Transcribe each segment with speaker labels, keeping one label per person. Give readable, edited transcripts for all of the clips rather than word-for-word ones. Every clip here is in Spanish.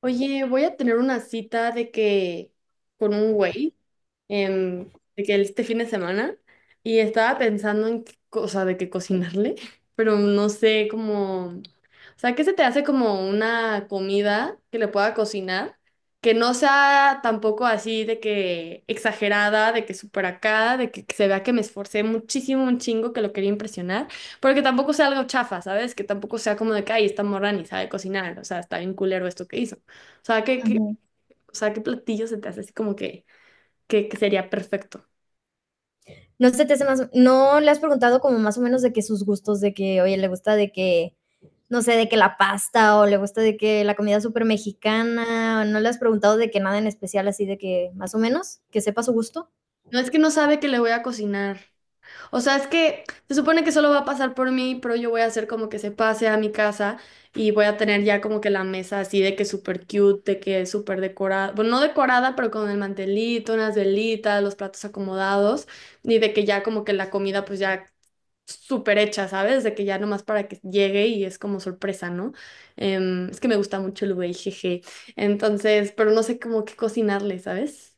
Speaker 1: Oye, voy a tener una cita de que con un güey, em, de que este fin de semana, y estaba pensando en qué cosa de que cocinarle, pero no sé cómo, o sea, ¿qué se te hace como una comida que le pueda cocinar? Que no sea tampoco así de que exagerada, de que súper acá, de que se vea que me esforcé muchísimo, un chingo, que lo quería impresionar, pero que tampoco sea algo chafa, ¿sabes? Que tampoco sea como de que, ay, esta morra ni sabe cocinar, o sea, está bien culero esto que hizo. O sea, ¿qué, qué-
Speaker 2: Ujú.
Speaker 1: o sea, qué platillo se te hace así como que, que sería perfecto?
Speaker 2: ¿No se te hace más no le has preguntado como más o menos de que sus gustos, de que, oye, le gusta de que, no sé, de que la pasta o le gusta de que la comida supermexicana, ¿no le has preguntado de que nada en especial así de que más o menos, que sepa su gusto?
Speaker 1: No es que no sabe que le voy a
Speaker 2: Su
Speaker 1: cocinar. O sea, es
Speaker 2: capital es São Luís.
Speaker 1: que se supone que solo va a pasar por mí, pero yo voy a hacer como que se pase a mi casa y voy a tener ya como que la mesa así de que súper cute, de que súper decorada. Bueno, no decorada, pero con el mantelito, unas velitas, los platos acomodados y de que ya como que la comida pues ya súper hecha, ¿sabes? De que ya nomás para que llegue y es como sorpresa, ¿no? Es que me gusta mucho el güey, jeje. Entonces, pero no sé cómo qué cocinarle, ¿sabes?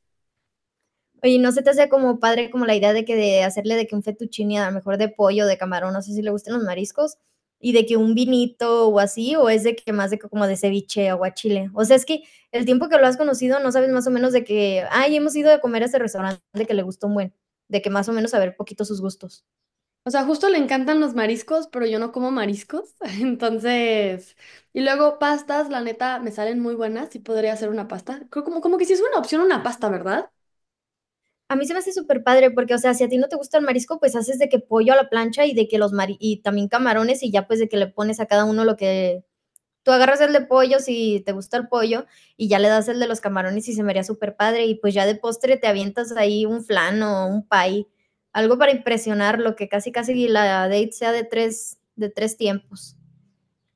Speaker 2: Oye, ¿no se te hace como padre como la idea de que de hacerle de que un fettuccine a lo mejor de pollo, de camarón, no sé si le gustan los mariscos, y de que un vinito o así, o es de que más de que como de ceviche, aguachile? O sea, es que el tiempo que lo has conocido no sabes más o menos de que, ay, hemos ido a comer a este restaurante que le gustó un buen, de que más o menos saber poquito sus gustos.
Speaker 1: O sea, justo le encantan los mariscos, pero yo no como mariscos. Entonces, y luego pastas, la neta, me salen muy buenas y podría hacer una pasta. Creo como, como que sí es una opción una pasta, ¿verdad?
Speaker 2: A mí se me hace súper padre porque, o sea, si a ti no te gusta el marisco, pues haces de que pollo a la plancha y de que los mari y también camarones y ya pues de que le pones a cada uno lo que tú agarras el de pollo si te gusta el pollo y ya le das el de los camarones y se me haría súper padre y pues ya de postre te avientas ahí un flan o un pie, algo para impresionar lo que casi casi la date sea de tres tiempos.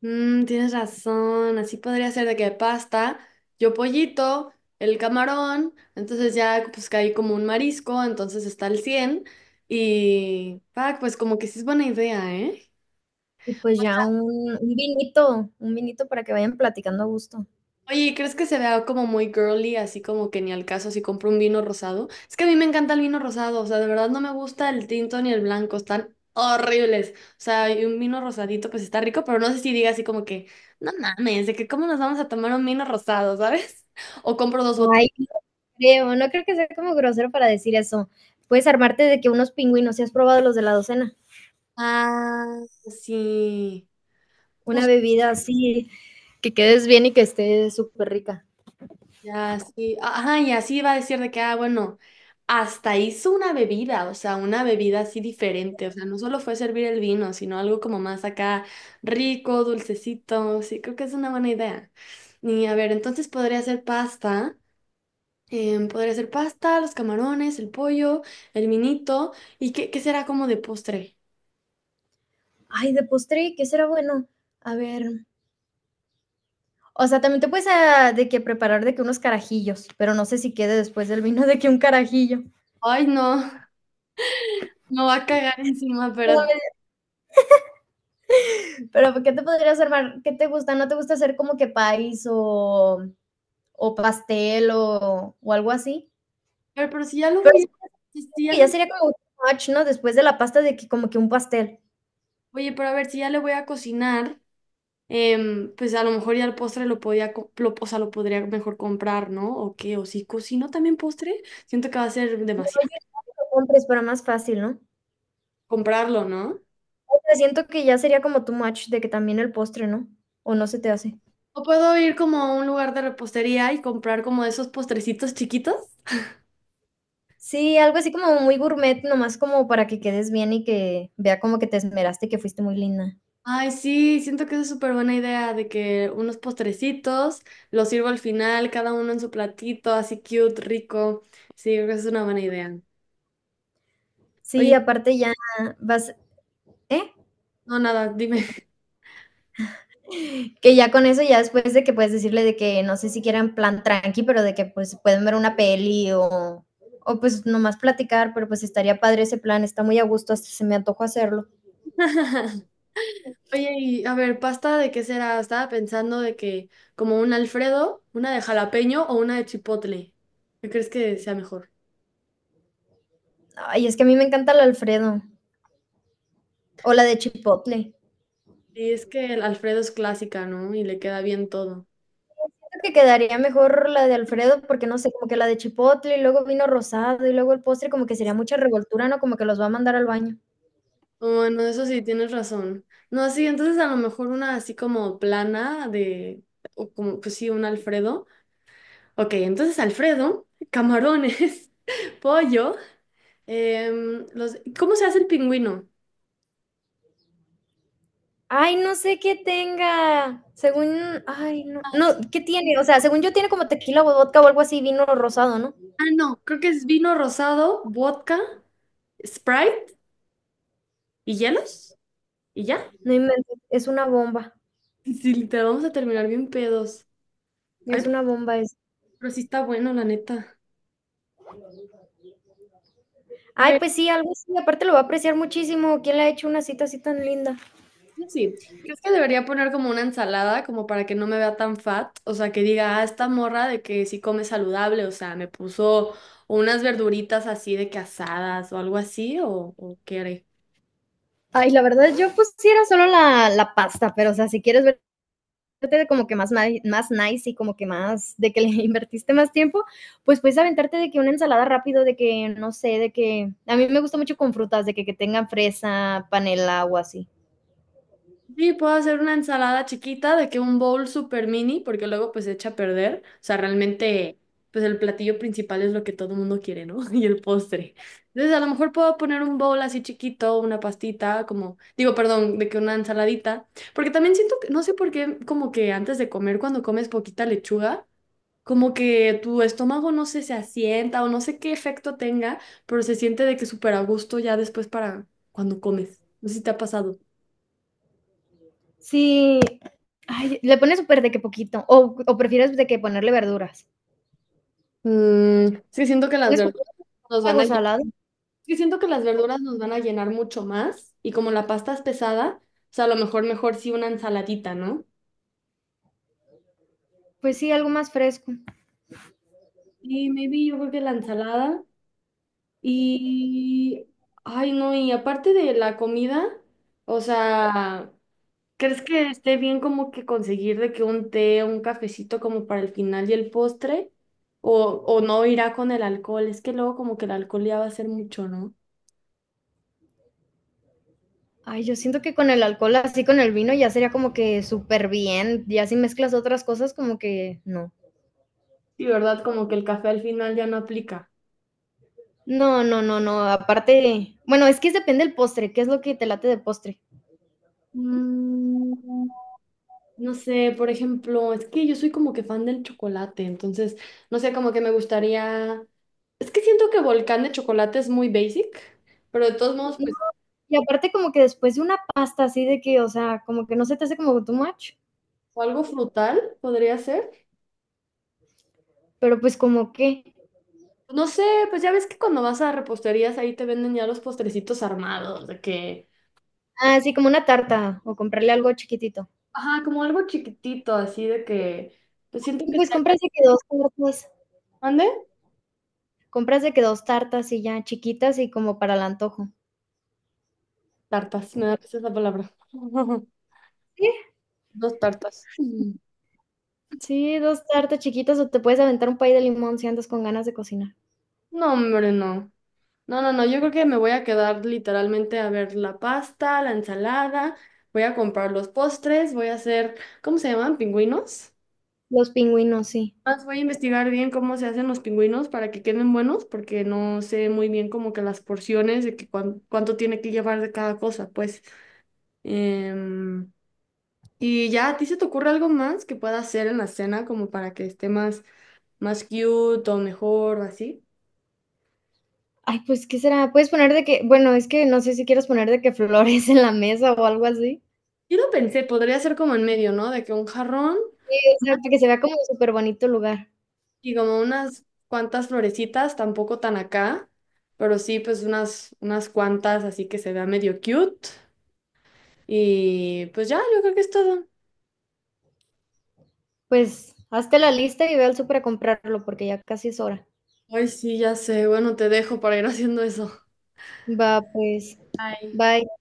Speaker 1: Mm, tienes razón, así podría ser de que pasta, yo pollito, el camarón, entonces ya pues caí como un marisco, entonces está el 100 y, fuck, pues como que sí es buena idea, ¿eh?
Speaker 2: Y pues ya un vinito, un vinito para que vayan platicando a gusto.
Speaker 1: Oye, ¿crees que se vea como muy girly, así como que ni al caso si compro un vino rosado? Es que a mí me encanta el vino rosado, o sea, de verdad no me gusta el tinto ni el blanco, están horribles. O sea, y un vino rosadito pues está rico, pero no sé si diga así como que, no mames, de que cómo nos vamos a tomar un vino rosado, ¿sabes? O compro dos botellas.
Speaker 2: Ay, creo, no creo que sea como grosero para decir eso. Puedes armarte de que unos pingüinos, si has probado los de la docena,
Speaker 1: Ah, sí.
Speaker 2: una bebida así, que quedes bien y que esté súper rica.
Speaker 1: Ya, sí. Ajá, y así iba a decir de que, ah, bueno, hasta hizo una bebida, o sea, una bebida así diferente, o sea, no solo fue servir el vino, sino algo como más acá rico, dulcecito, sí, creo que es una buena idea. Y a ver, entonces podría ser pasta, podría ser pasta, los camarones, el pollo, el vinito, ¿y qué, qué será como de postre?
Speaker 2: Ay, de postre, ¿qué será bueno? A ver. O sea, también te puedes de que preparar de que unos carajillos, pero no sé si quede después del vino de que un carajillo.
Speaker 1: Ay, no, no va a cagar encima, pero,
Speaker 2: Pero ¿qué te podrías armar? ¿Qué te gusta? ¿No te gusta hacer como que país o pastel o algo así?
Speaker 1: pero si ya lo
Speaker 2: Pero
Speaker 1: voy a, si
Speaker 2: siento
Speaker 1: ya
Speaker 2: que
Speaker 1: lo,
Speaker 2: ya sería como un match, ¿no? Después de la pasta de que como que un pastel.
Speaker 1: oye, pero a ver, si ya le voy a cocinar. Em, pues a lo mejor ya el postre lo podía, co- lo, o sea, lo podría mejor comprar, ¿no? O qué, o si cocino también postre, siento que va a ser
Speaker 2: No, yo
Speaker 1: demasiado.
Speaker 2: que lo compres para más fácil, ¿no?
Speaker 1: Comprarlo, ¿no?
Speaker 2: O sea, siento que ya sería como too much de que también el postre, ¿no? ¿O no se te hace?
Speaker 1: O puedo ir como a un lugar de repostería y comprar como esos postrecitos chiquitos.
Speaker 2: Sí, algo así como muy gourmet, nomás como para que quedes bien y que vea como que te esmeraste, que fuiste muy linda.
Speaker 1: Ay, sí, siento que es súper buena idea de que unos postrecitos los sirvo al final, cada uno en su platito, así cute, rico. Sí, creo que es una buena idea.
Speaker 2: Sí,
Speaker 1: Oye,
Speaker 2: aparte ya vas ¿eh?
Speaker 1: no, nada, dime.
Speaker 2: Que ya con eso, ya después de que puedes decirle de que no sé si quieran plan tranqui, pero de que, pues, pueden ver una peli o pues, nomás platicar, pero, pues, estaría padre ese plan, está muy a gusto, hasta se me antojó hacerlo.
Speaker 1: Oye, y a ver, ¿pasta de qué será? Estaba pensando de que como un Alfredo, una de jalapeño o una de chipotle. ¿Qué crees que sea mejor?
Speaker 2: Ay, es que a mí me encanta el Alfredo o la de chipotle.
Speaker 1: Y es que el Alfredo es clásica, ¿no? Y le queda bien todo.
Speaker 2: Creo que quedaría mejor la de Alfredo, porque no sé, como que la de chipotle y luego vino rosado y luego el postre, como que sería mucha revoltura, ¿no? Como que los va a mandar al baño.
Speaker 1: Oh, bueno, eso sí, tienes razón. No, sí, entonces a lo mejor una así como plana de, o como, pues sí, un Alfredo. Ok, entonces Alfredo, camarones, pollo, los, ¿cómo se hace el pingüino?
Speaker 2: Ay, no sé qué tenga. Según, ay, no, no, ¿qué tiene? O sea, según yo tiene como tequila o vodka o algo así, vino rosado, ¿no?
Speaker 1: Ah, no, creo que es vino rosado, vodka, Sprite. ¿Y hielos? ¿Y ya?
Speaker 2: No inventes,
Speaker 1: Sí, literal, vamos a terminar bien pedos. Ay,
Speaker 2: es una bomba eso.
Speaker 1: pero sí está bueno, la neta. A
Speaker 2: Ay,
Speaker 1: ver,
Speaker 2: pues sí, algo así, aparte lo va a apreciar muchísimo. ¿Quién le ha hecho una cita así tan linda?
Speaker 1: eso sí, ¿crees que debería poner como una ensalada como para que no me vea tan fat? O sea, que diga, ah, esta morra de que sí come saludable, o sea, me puso unas verduritas así de que asadas o algo así, o qué haré?
Speaker 2: Ay, la verdad, yo pusiera solo la pasta, pero o sea, si quieres ver de como que más, más nice y como que más de que le invertiste más tiempo, pues puedes aventarte de que una ensalada rápido, de que no sé, de que a mí me gusta mucho con frutas, de que tengan fresa, panela o así.
Speaker 1: Sí, puedo hacer una ensalada chiquita de que un bowl super mini, porque luego pues se echa a perder. O sea, realmente pues el platillo principal es lo que todo el mundo quiere, ¿no? Y el postre. Entonces a lo mejor puedo poner un bowl así chiquito, una pastita, como, digo, perdón, de que una ensaladita. Porque también siento que, no sé por qué, como que antes de comer, cuando comes poquita lechuga, como que tu estómago no sé, se asienta o no sé qué efecto tenga, pero se siente de que súper a gusto ya después para cuando comes. No sé si te ha pasado.
Speaker 2: Sí, ay, le pones súper de que poquito, o prefieres de que ponerle verduras.
Speaker 1: Mm, es que siento que las
Speaker 2: ¿Pones como
Speaker 1: verduras nos van a
Speaker 2: algo
Speaker 1: llenar,
Speaker 2: salado?
Speaker 1: es que siento que las verduras nos van a llenar mucho más y como la pasta es pesada, o sea, a lo mejor mejor sí una ensaladita, ¿no?
Speaker 2: Pues sí, algo más fresco.
Speaker 1: Sí, maybe yo creo que la ensalada y... Ay, no, y aparte de la comida, o sea, ¿crees que esté bien como que conseguir de que un té o un cafecito como para el final y el postre? O no irá con el alcohol, es que luego como que el alcohol ya va a ser mucho, ¿no?
Speaker 2: Ay, yo siento que con el alcohol, así con el vino, ya sería como que súper bien, ya si mezclas otras cosas, como que no.
Speaker 1: Sí, ¿verdad? Como que el café al final ya no aplica.
Speaker 2: No, no, no, no, aparte, bueno, es que es depende del postre, qué es lo que te late de postre.
Speaker 1: Mm, no sé, por ejemplo, es que yo soy como que fan del chocolate, entonces, no sé, como que me gustaría... Es que siento que volcán de chocolate es muy basic, pero de todos modos,
Speaker 2: No,
Speaker 1: pues,
Speaker 2: y aparte como que después de una pasta así de que, o sea, como que no se te hace como too much,
Speaker 1: o algo frutal podría ser.
Speaker 2: pero pues como que,
Speaker 1: No sé, pues ya ves que cuando vas a reposterías ahí te venden ya los postrecitos armados, de que...
Speaker 2: ah, sí, como una tarta o comprarle algo chiquitito.
Speaker 1: Ajá, como algo chiquitito, así de que... Pues siento
Speaker 2: Y
Speaker 1: que
Speaker 2: pues
Speaker 1: estaría...
Speaker 2: compras de que dos tartas,
Speaker 1: ¿Mande?
Speaker 2: compras de que dos tartas y ya chiquitas y como para el antojo.
Speaker 1: Tartas, me da risa esa palabra.
Speaker 2: Sí,
Speaker 1: Dos tartas. Mm.
Speaker 2: sí, dos tartas chiquitas o te puedes aventar un pay de limón si andas con ganas de cocinar.
Speaker 1: No, hombre, no. No, no, no, yo creo que me voy a quedar literalmente a ver la pasta, la ensalada, voy a comprar los postres, voy a hacer, ¿cómo se llaman? ¿Pingüinos?
Speaker 2: Los pingüinos, sí.
Speaker 1: Más voy a investigar bien cómo se hacen los pingüinos para que queden buenos, porque no sé muy bien como que las porciones de que cuán- cuánto tiene que llevar de cada cosa, pues. Em, y ya, ¿a ti se te ocurre algo más que pueda hacer en la cena como para que esté más más cute o mejor o así.
Speaker 2: Ay, pues, ¿qué será? Puedes poner de que bueno, es que no sé si quieres poner de que flores en la mesa o algo así.
Speaker 1: Yo lo pensé, podría ser como en medio, ¿no? De que un jarrón.
Speaker 2: Sí, o sea, que se vea como súper bonito el lugar.
Speaker 1: Y como unas cuantas florecitas, tampoco tan acá, pero sí, pues unas, unas cuantas, así que se vea medio cute. Y pues ya, yo creo que es todo.
Speaker 2: Pues, hazte la lista y ve al súper a comprarlo, porque ya casi es hora.
Speaker 1: Ay, sí, ya sé. Bueno, te dejo para ir haciendo eso.
Speaker 2: Va, pues.
Speaker 1: Ay.
Speaker 2: Bye.